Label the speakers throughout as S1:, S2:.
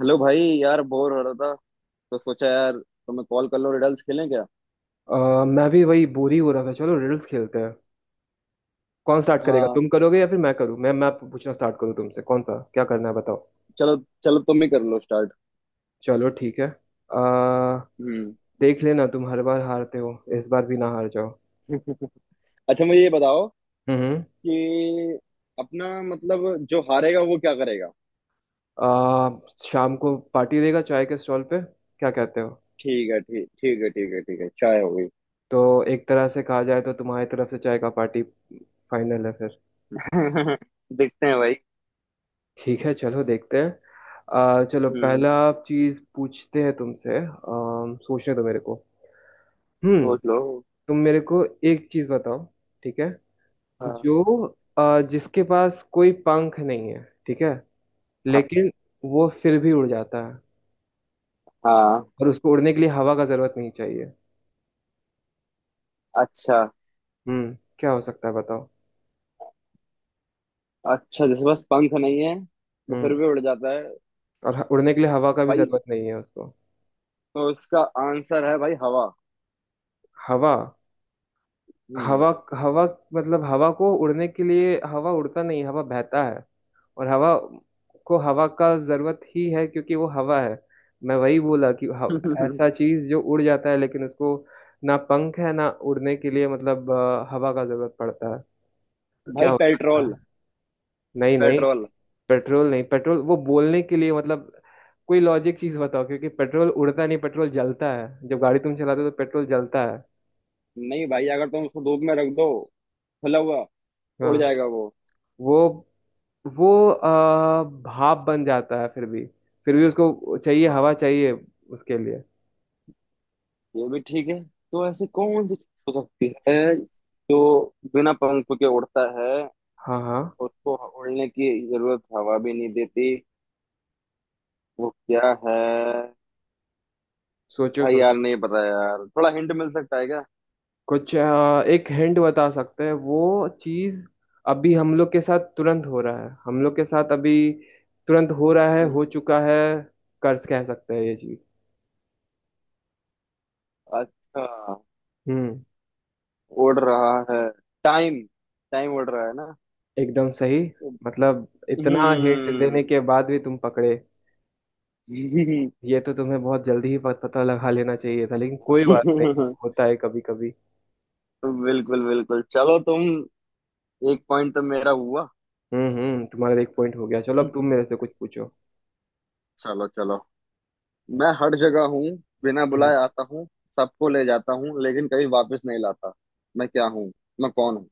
S1: Hello भाई, यार bore हो रहा था तो सोचा यार तुम्हें कॉल कर लो। रिडल्स खेलें क्या?
S2: अ, मैं भी वही बोर ही हो रहा था। चलो रिडल्स खेलते हैं। कौन स्टार्ट करेगा,
S1: हाँ,
S2: तुम करोगे या फिर मैं करूँ? मैं पूछना स्टार्ट करूँ तुमसे? कौन सा क्या करना है बताओ।
S1: चलो। चलो तुम ही कर लो स्टार्ट।
S2: चलो ठीक है। आ,
S1: हम्म।
S2: देख लेना, तुम हर बार हारते हो, इस बार भी ना हार जाओ।
S1: अच्छा मुझे ये बताओ
S2: हम्म।
S1: कि अपना, मतलब जो हारेगा वो क्या करेगा।
S2: आ, शाम को पार्टी देगा चाय के स्टॉल पे, क्या कहते हो?
S1: ठीक है, ठीक, ठीक है, ठीक है, ठीक है। चाय हो गई।
S2: तो एक तरह से कहा जाए तो तुम्हारी तरफ से चाय का पार्टी फाइनल है फिर।
S1: देखते हैं भाई।
S2: ठीक है चलो देखते हैं। चलो
S1: हम्म,
S2: पहला चीज पूछते हैं तुमसे। सोचने दो मेरे को। हम्म।
S1: सोच लो।
S2: तुम मेरे को एक चीज बताओ, ठीक है।
S1: हाँ।
S2: जो जिसके पास कोई पंख नहीं है ठीक है,
S1: हाँ।
S2: लेकिन वो फिर भी उड़ जाता है,
S1: हाँ।
S2: और उसको उड़ने के लिए हवा का जरूरत नहीं चाहिए।
S1: अच्छा।
S2: हम्म, क्या हो सकता है बताओ।
S1: अच्छा, जैसे बस पंख नहीं है वो फिर
S2: हम्म,
S1: भी उड़ जाता है।
S2: और उड़ने के लिए हवा का भी
S1: भाई,
S2: जरूरत नहीं है उसको।
S1: तो इसका आंसर है भाई हवा।
S2: हवा, हवा, हवा? मतलब हवा को उड़ने के लिए हवा उड़ता नहीं, हवा बहता है। और हवा को हवा का जरूरत ही है क्योंकि वो हवा है। मैं वही बोला कि
S1: हम्म।
S2: ऐसा चीज जो उड़ जाता है लेकिन उसको ना पंख है ना उड़ने के लिए मतलब हवा का जरूरत पड़ता है। तो क्या
S1: भाई
S2: हो सकता
S1: पेट्रोल।
S2: है? नहीं नहीं,
S1: पेट्रोल।
S2: पेट्रोल नहीं। पेट्रोल वो बोलने के लिए, मतलब कोई लॉजिक चीज बताओ, क्योंकि पेट्रोल उड़ता नहीं, पेट्रोल जलता है, जब गाड़ी तुम चलाते हो तो पेट्रोल जलता है।
S1: नहीं भाई, अगर तुम उसको धूप में रख दो खुला हुआ, उड़
S2: हाँ,
S1: जाएगा वो।
S2: वो वो भाप बन जाता है फिर भी। फिर भी उसको चाहिए,
S1: हाँ,
S2: हवा चाहिए उसके लिए।
S1: ये भी ठीक है। तो ऐसी कौन सी चीज हो सकती है जो बिना पंख के उड़ता है,
S2: हाँ हाँ,
S1: उसको उड़ने की जरूरत हवा भी नहीं देती? वो क्या है?
S2: सोचो
S1: भाई यार,
S2: सोचो।
S1: नहीं पता यार। थोड़ा हिंट मिल सकता है क्या?
S2: कुछ एक हिंट बता सकते हैं। वो चीज अभी हम लोग के साथ तुरंत हो रहा है, हम लोग के साथ अभी तुरंत हो रहा है, हो
S1: हम्म।
S2: चुका है। कर्ज कह सकते हैं ये चीज।
S1: अच्छा,
S2: हम्म,
S1: उड़ रहा है। टाइम। टाइम उड़ रहा है ना।
S2: एकदम सही। मतलब इतना हिंट देने
S1: हम्म।
S2: के बाद भी तुम पकड़े। ये तो तुम्हें बहुत जल्दी ही पता लगा लेना चाहिए था, लेकिन कोई बात नहीं, होता है कभी कभी।
S1: बिल्कुल, बिल्कुल। चलो तुम, एक पॉइंट तो मेरा हुआ।
S2: हम्म, तुम्हारा एक पॉइंट हो गया। चलो अब तुम मेरे से कुछ पूछो।
S1: चलो, चलो। मैं हर जगह हूँ, बिना
S2: हम्म।
S1: बुलाए आता हूँ, सबको ले जाता हूँ लेकिन कभी वापस नहीं लाता। मैं क्या हूँ? मैं कौन हूँ?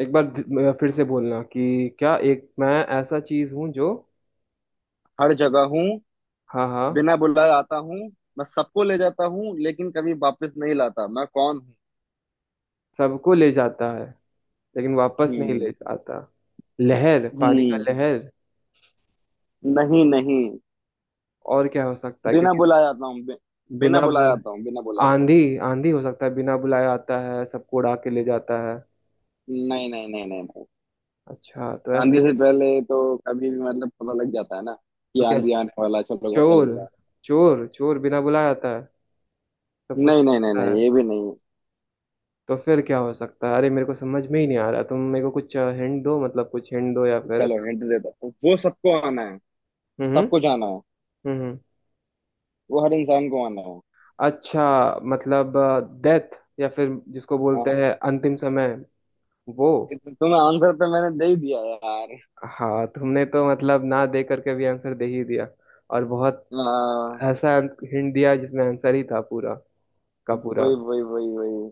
S2: एक बार फिर से बोलना कि क्या, एक मैं ऐसा चीज हूँ जो।
S1: हर जगह हूँ,
S2: हाँ हाँ,
S1: बिना बुलाए आता हूँ, मैं सबको ले जाता हूँ लेकिन कभी वापस नहीं लाता। मैं कौन हूँ?
S2: सबको ले जाता है लेकिन वापस नहीं ले
S1: हम्म।
S2: जाता। लहर, पानी का
S1: हम्म।
S2: लहर।
S1: नहीं, नहीं।
S2: और क्या हो सकता है,
S1: बिना
S2: क्योंकि
S1: बुलाए आता हूँ
S2: बिना
S1: बिना बुलाए
S2: बुल
S1: आता हूँ, बिना बुलाए।
S2: आंधी। आंधी हो सकता है, बिना बुलाए आता है, सबको उड़ा के ले जाता है।
S1: नहीं, नहीं, नहीं, नहीं, नहीं।
S2: अच्छा, तो ऐसा
S1: आंधी से
S2: क्या?
S1: पहले तो कभी भी मतलब पता लग जाता है ना कि
S2: तो क्या,
S1: आंधी आने वाला है, चलो घर
S2: चोर?
S1: चलते हैं।
S2: चोर, चोर बिना बुलाए आता है, सब कुछ
S1: नहीं,
S2: ले
S1: नहीं, नहीं,
S2: जाता है।
S1: नहीं, ये भी नहीं।
S2: तो फिर क्या हो सकता है? अरे मेरे को समझ में ही नहीं आ रहा, तुम मेरे को कुछ हिंट दो, मतलब कुछ हिंट दो या फिर
S1: चलो
S2: ऐसा।
S1: हिंट देता हूँ। वो सबको आना है,
S2: हम्म। हम्म।
S1: सबको जाना है।
S2: हम्म, हम्म।
S1: वो हर इंसान को आना है।
S2: अच्छा, मतलब डेथ, या फिर जिसको बोलते
S1: हाँ।
S2: हैं अंतिम समय वो।
S1: तुम्हें आंसर तो मैंने दे ही दिया यार।
S2: हाँ तुमने तो मतलब ना दे करके भी आंसर दे ही दिया। और बहुत
S1: हाँ।
S2: ऐसा हिंट दिया जिसमें आंसर ही था पूरा का पूरा।
S1: वही, वही, वही, वही।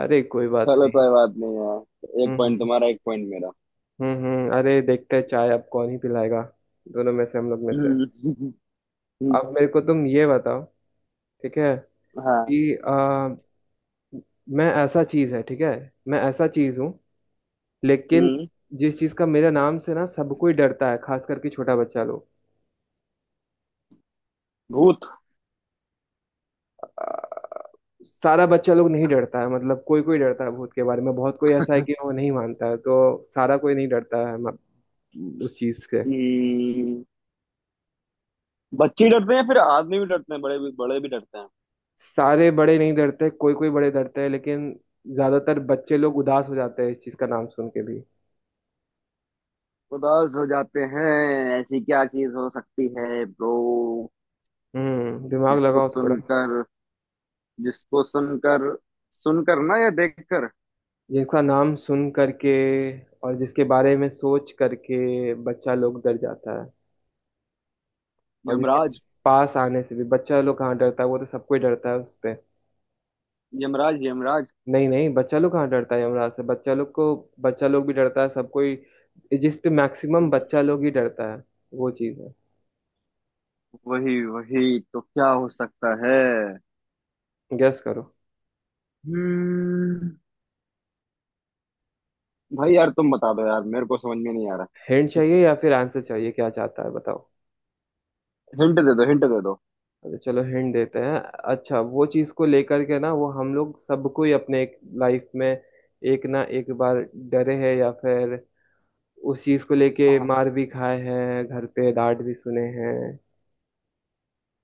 S2: अरे कोई बात
S1: चलो
S2: नहीं।
S1: कोई बात नहीं यार, एक
S2: हम्म।
S1: पॉइंट तुम्हारा एक पॉइंट मेरा।
S2: अरे देखते हैं चाय अब कौन ही पिलाएगा, दोनों में से, हम लोग में से।
S1: हम्म। हम्म।
S2: अब मेरे को तुम ये बताओ, ठीक है,
S1: हाँ।
S2: कि आ, मैं ऐसा चीज है, ठीक है, मैं ऐसा चीज हूँ, लेकिन
S1: हम्म।
S2: जिस चीज का मेरे नाम से ना सब कोई डरता है, खास करके छोटा बच्चा लोग।
S1: भूत।
S2: सारा बच्चा लोग नहीं डरता है मतलब, कोई कोई डरता है भूत के बारे में, बहुत कोई ऐसा है कि वो नहीं मानता है तो सारा कोई नहीं डरता है उस चीज के।
S1: हम्म। बच्चे डरते हैं, फिर आदमी भी डरते हैं, बड़े भी, बड़े भी डरते हैं।
S2: सारे बड़े नहीं डरते, कोई कोई बड़े डरते हैं, लेकिन ज्यादातर बच्चे लोग उदास हो जाते हैं इस चीज का नाम सुन के भी।
S1: उदास हो जाते हैं। ऐसी क्या चीज हो सकती है ब्रो?
S2: हम्म, दिमाग
S1: जिसको
S2: लगाओ थोड़ा।
S1: सुनकर जिसको सुनकर, सुनकर ना, या देखकर?
S2: जिसका नाम सुन करके और जिसके बारे में सोच करके बच्चा लोग डर जाता है, और जिसके
S1: यमराज।
S2: पास आने से भी बच्चा लोग कहाँ डरता है, वो तो सबको ही डरता है उसपे।
S1: यमराज। यमराज।
S2: नहीं नहीं, बच्चा लोग कहाँ डरता है यमराज से, बच्चा लोग को बच्चा लोग भी डरता है सब कोई, जिस पे मैक्सिमम बच्चा लोग ही डरता है वो चीज़ है।
S1: वही, वही, तो क्या हो सकता है?
S2: गेस करो।
S1: हम्म। भाई यार, तुम बता दो यार, मेरे को समझ में नहीं आ रहा।
S2: हिंट चाहिए या फिर आंसर चाहिए, क्या चाहता है बताओ।
S1: हिंट दे दो, हिंट दे दो।
S2: अच्छा चलो हिंट देते हैं। अच्छा, वो चीज़ को लेकर के ना, वो हम लोग सबको ही अपने एक लाइफ में एक ना एक बार डरे हैं, या फिर उस चीज़ को लेके
S1: हाँ।
S2: मार भी खाए हैं, घर पे डांट भी सुने हैं।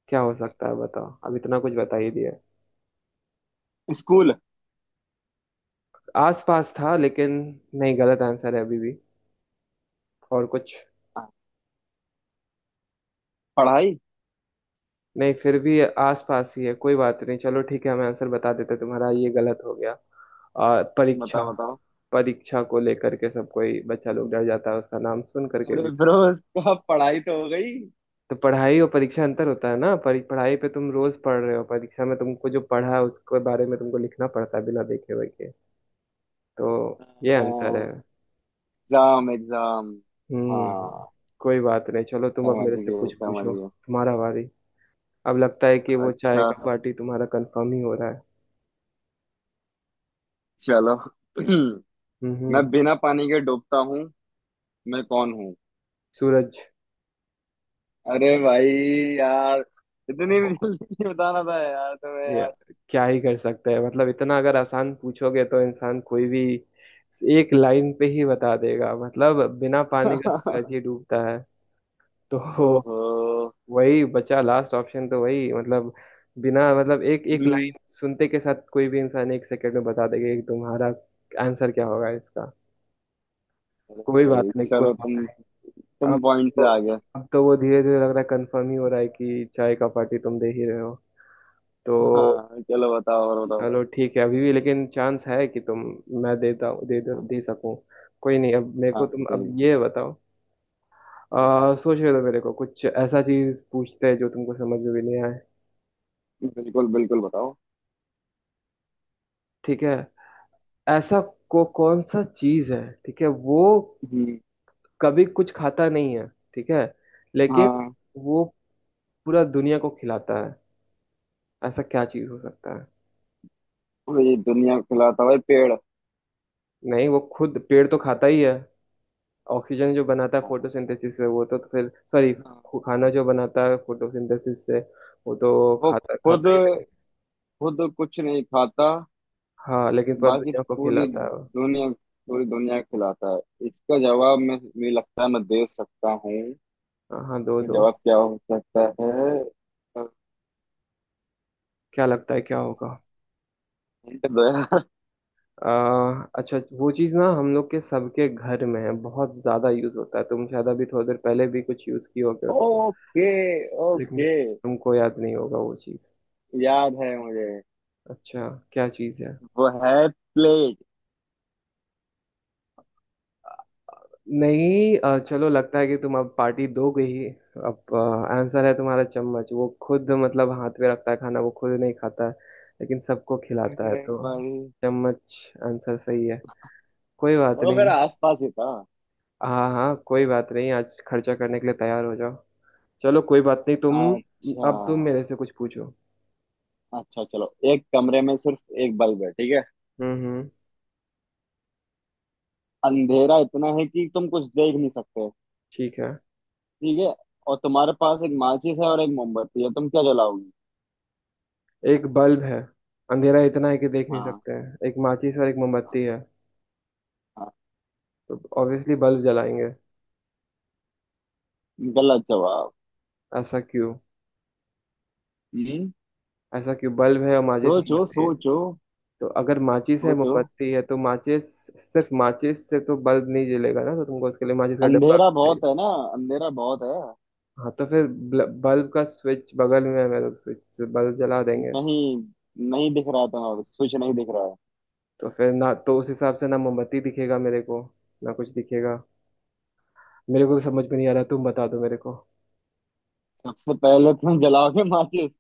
S2: क्या हो सकता है बताओ, अब इतना कुछ बता ही दिया।
S1: स्कूल।
S2: आस पास था लेकिन नहीं, गलत आंसर है अभी भी। और कुछ?
S1: हाँ। पढ़ाई।
S2: नहीं, फिर भी आस पास ही है, कोई बात नहीं, चलो ठीक है हम आंसर बता देते, तुम्हारा ये गलत हो गया। परीक्षा।
S1: बताओ, बताओ।
S2: परीक्षा को लेकर के सब कोई बच्चा लोग डर जाता है उसका नाम सुन करके
S1: अरे
S2: भी।
S1: ब्रो, उसका पढ़ाई तो हो गई।
S2: तो पढ़ाई और परीक्षा अंतर होता है ना, पढ़ाई पे तुम रोज पढ़ रहे हो, परीक्षा में तुमको जो पढ़ा है उसके बारे में तुमको लिखना पड़ता है बिना देखे हुए के। तो ये अंतर है।
S1: Exam, exam.
S2: हम्म,
S1: हाँ।
S2: कोई बात नहीं, चलो तुम अब
S1: समझ
S2: मेरे से
S1: गए,
S2: कुछ
S1: समझ
S2: पूछो,
S1: गए।
S2: तुम्हारा बारी। अब लगता है कि वो चाय
S1: अच्छा,
S2: का पार्टी तुम्हारा कंफर्म ही हो रहा है।
S1: चलो।
S2: हम्म,
S1: मैं बिना पानी के डूबता हूँ, मैं कौन हूँ?
S2: सूरज।
S1: अरे भाई, यार इतनी
S2: ओ,
S1: भी जल्दी नहीं बताना था यार तुम्हें
S2: या,
S1: यार।
S2: क्या ही कर सकते हैं, मतलब इतना अगर आसान पूछोगे तो इंसान कोई भी एक लाइन पे ही बता देगा, मतलब बिना पानी का सूरज ही डूबता है। तो
S1: ओहो।
S2: वही बचा लास्ट ऑप्शन, तो वही मतलब, बिना मतलब एक एक
S1: हम्म।
S2: लाइन सुनते के साथ कोई भी इंसान 1 सेकंड में बता देगा कि तुम्हारा आंसर क्या होगा इसका।
S1: अरे
S2: कोई बात
S1: भाई,
S2: नहीं, कोई
S1: चलो तुम
S2: बात नहीं।
S1: तुम
S2: अब
S1: पॉइंट
S2: तो,
S1: से आगे।
S2: अब तो वो धीरे धीरे लग रहा है कंफर्म ही हो रहा है कि चाय का पार्टी तुम दे ही रहे हो। तो
S1: हाँ, चलो बताओ, और बताओ।
S2: चलो ठीक है, अभी भी लेकिन चांस है कि तुम, मैं देता हूँ, दे दे, दे सकूँ। कोई नहीं, अब मेरे को
S1: हाँ,
S2: तुम अब
S1: ठीक।
S2: ये बताओ।
S1: हाँ,
S2: सोच रहे हो मेरे को कुछ ऐसा चीज पूछते हैं जो तुमको समझ में भी नहीं आए।
S1: बिल्कुल, बिल्कुल, बताओ।
S2: ठीक है। ऐसा को कौन सा चीज है, ठीक है, वो
S1: हम्म।
S2: कभी कुछ खाता नहीं है, ठीक है, लेकिन
S1: हाँ।
S2: वो पूरा दुनिया को खिलाता है, ऐसा क्या चीज हो सकता है?
S1: ये दुनिया को खिलाता है, पेड़।
S2: नहीं, वो खुद पेड़ तो खाता ही है, ऑक्सीजन जो बनाता है
S1: हाँ।
S2: फोटोसिंथेसिस से वो तो फिर सॉरी।
S1: हाँ।
S2: खाना
S1: हाँ।
S2: जो बनाता है फोटोसिंथेसिस से वो तो
S1: वो
S2: खाता
S1: खुद
S2: खाता ही है।
S1: खुद कुछ नहीं खाता।
S2: हाँ लेकिन पर
S1: बाकी
S2: दुनिया को
S1: पूरी
S2: खिलाता है वो।
S1: दुनिया, पूरी दुनिया को खिलाता है। इसका जवाब मैं मुझे लगता है मैं दे सकता हूँ।
S2: हाँ हाँ, दो
S1: इसका
S2: दो।
S1: जवाब क्या हो सकता है?
S2: क्या लगता है क्या होगा?
S1: हिंट दो यार।
S2: अच्छा, वो चीज़ ना हम लोग के सबके घर में है, बहुत ज़्यादा यूज़ होता है, तुम शायद अभी थोड़ी देर पहले भी कुछ यूज़ किए होगे उसको।
S1: ओके,
S2: लेकिन
S1: ओके।
S2: तुमको याद नहीं होगा वो चीज़।
S1: याद है मुझे।
S2: अच्छा, क्या चीज़ है?
S1: वो है प्लेट।
S2: नहीं, चलो लगता है कि तुम अब पार्टी दोगे ही। अब आंसर है तुम्हारा चम्मच, वो खुद मतलब हाथ में रखता है खाना, वो खुद नहीं खाता है लेकिन सबको खिलाता है,
S1: अरे
S2: तो
S1: भाई,
S2: चम्मच आंसर सही है, कोई बात
S1: वो मेरा
S2: नहीं।
S1: आसपास ही था।
S2: हाँ हाँ, कोई बात नहीं, आज खर्चा करने के लिए तैयार हो जाओ। चलो कोई बात नहीं तुम,
S1: अच्छा।
S2: अब तुम मेरे से कुछ पूछो।
S1: अच्छा, चलो, एक कमरे में सिर्फ एक बल्ब है, ठीक है?
S2: हम्म,
S1: अंधेरा इतना है कि तुम कुछ देख नहीं सकते।
S2: ठीक है।
S1: ठीक है, और तुम्हारे पास एक माचिस है और एक मोमबत्ती है, तुम क्या जलाओगी?
S2: एक बल्ब है, अंधेरा इतना है कि देख नहीं
S1: हाँ।
S2: सकते हैं, एक माचिस और एक
S1: हाँ।
S2: मोमबत्ती है,
S1: हाँ।
S2: तो ऑब्वियसली बल्ब जलाएंगे।
S1: गलत जवाब।
S2: ऐसा क्यों?
S1: हम्म।
S2: ऐसा क्यों, बल्ब है और माचिस
S1: सोचो,
S2: मोमबत्ती है?
S1: सोचो,
S2: तो अगर माचिस है
S1: सोचो।
S2: मोमबत्ती है तो माचिस, सिर्फ माचिस से तो बल्ब नहीं जलेगा ना, तो तुमको उसके लिए माचिस का डब्बा
S1: अंधेरा
S2: भी चाहिए।
S1: बहुत है ना। अंधेरा बहुत है।
S2: हाँ, तो फिर बल्ब का स्विच बगल में है, मैं तो स्विच से बल्ब जला देंगे।
S1: नहीं, नहीं दिख रहा। तुम्हारा स्विच नहीं दिख रहा है।
S2: तो फिर ना, तो उस हिसाब से ना मोमबत्ती दिखेगा मेरे को, ना कुछ दिखेगा। मेरे को भी समझ में नहीं आ रहा, तुम बता दो मेरे को।
S1: सबसे पहले तुम जलाओगे माचिस।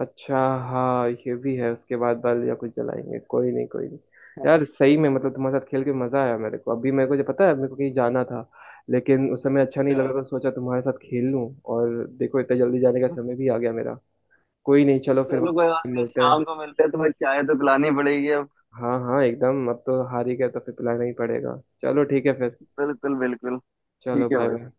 S2: अच्छा, हाँ ये भी है, उसके बाद बल या कुछ जलाएंगे, कोई नहीं कोई नहीं। यार सही में मतलब तुम्हारे साथ खेल के मजा आया मेरे को, अभी मेरे को जो पता है मेरे को कहीं जाना था, लेकिन उस समय अच्छा नहीं
S1: अच्छा।
S2: लग रहा था तो सोचा तुम्हारे साथ खेल लूं। और देखो इतना जल्दी जाने का समय भी आ गया मेरा। कोई नहीं चलो, फिर
S1: चलो कोई
S2: वापस
S1: बात
S2: से
S1: नहीं,
S2: मिलते हैं।
S1: शाम को मिलते हैं। तुम्हें चाय तो पिलानी पड़ेगी अब।
S2: हाँ हाँ एकदम, अब तो हार ही गए तो फिर पिलाना ही पड़ेगा। चलो ठीक है फिर,
S1: बिल्कुल, बिल्कुल।
S2: चलो
S1: ठीक है
S2: बाय
S1: भाई।
S2: बाय।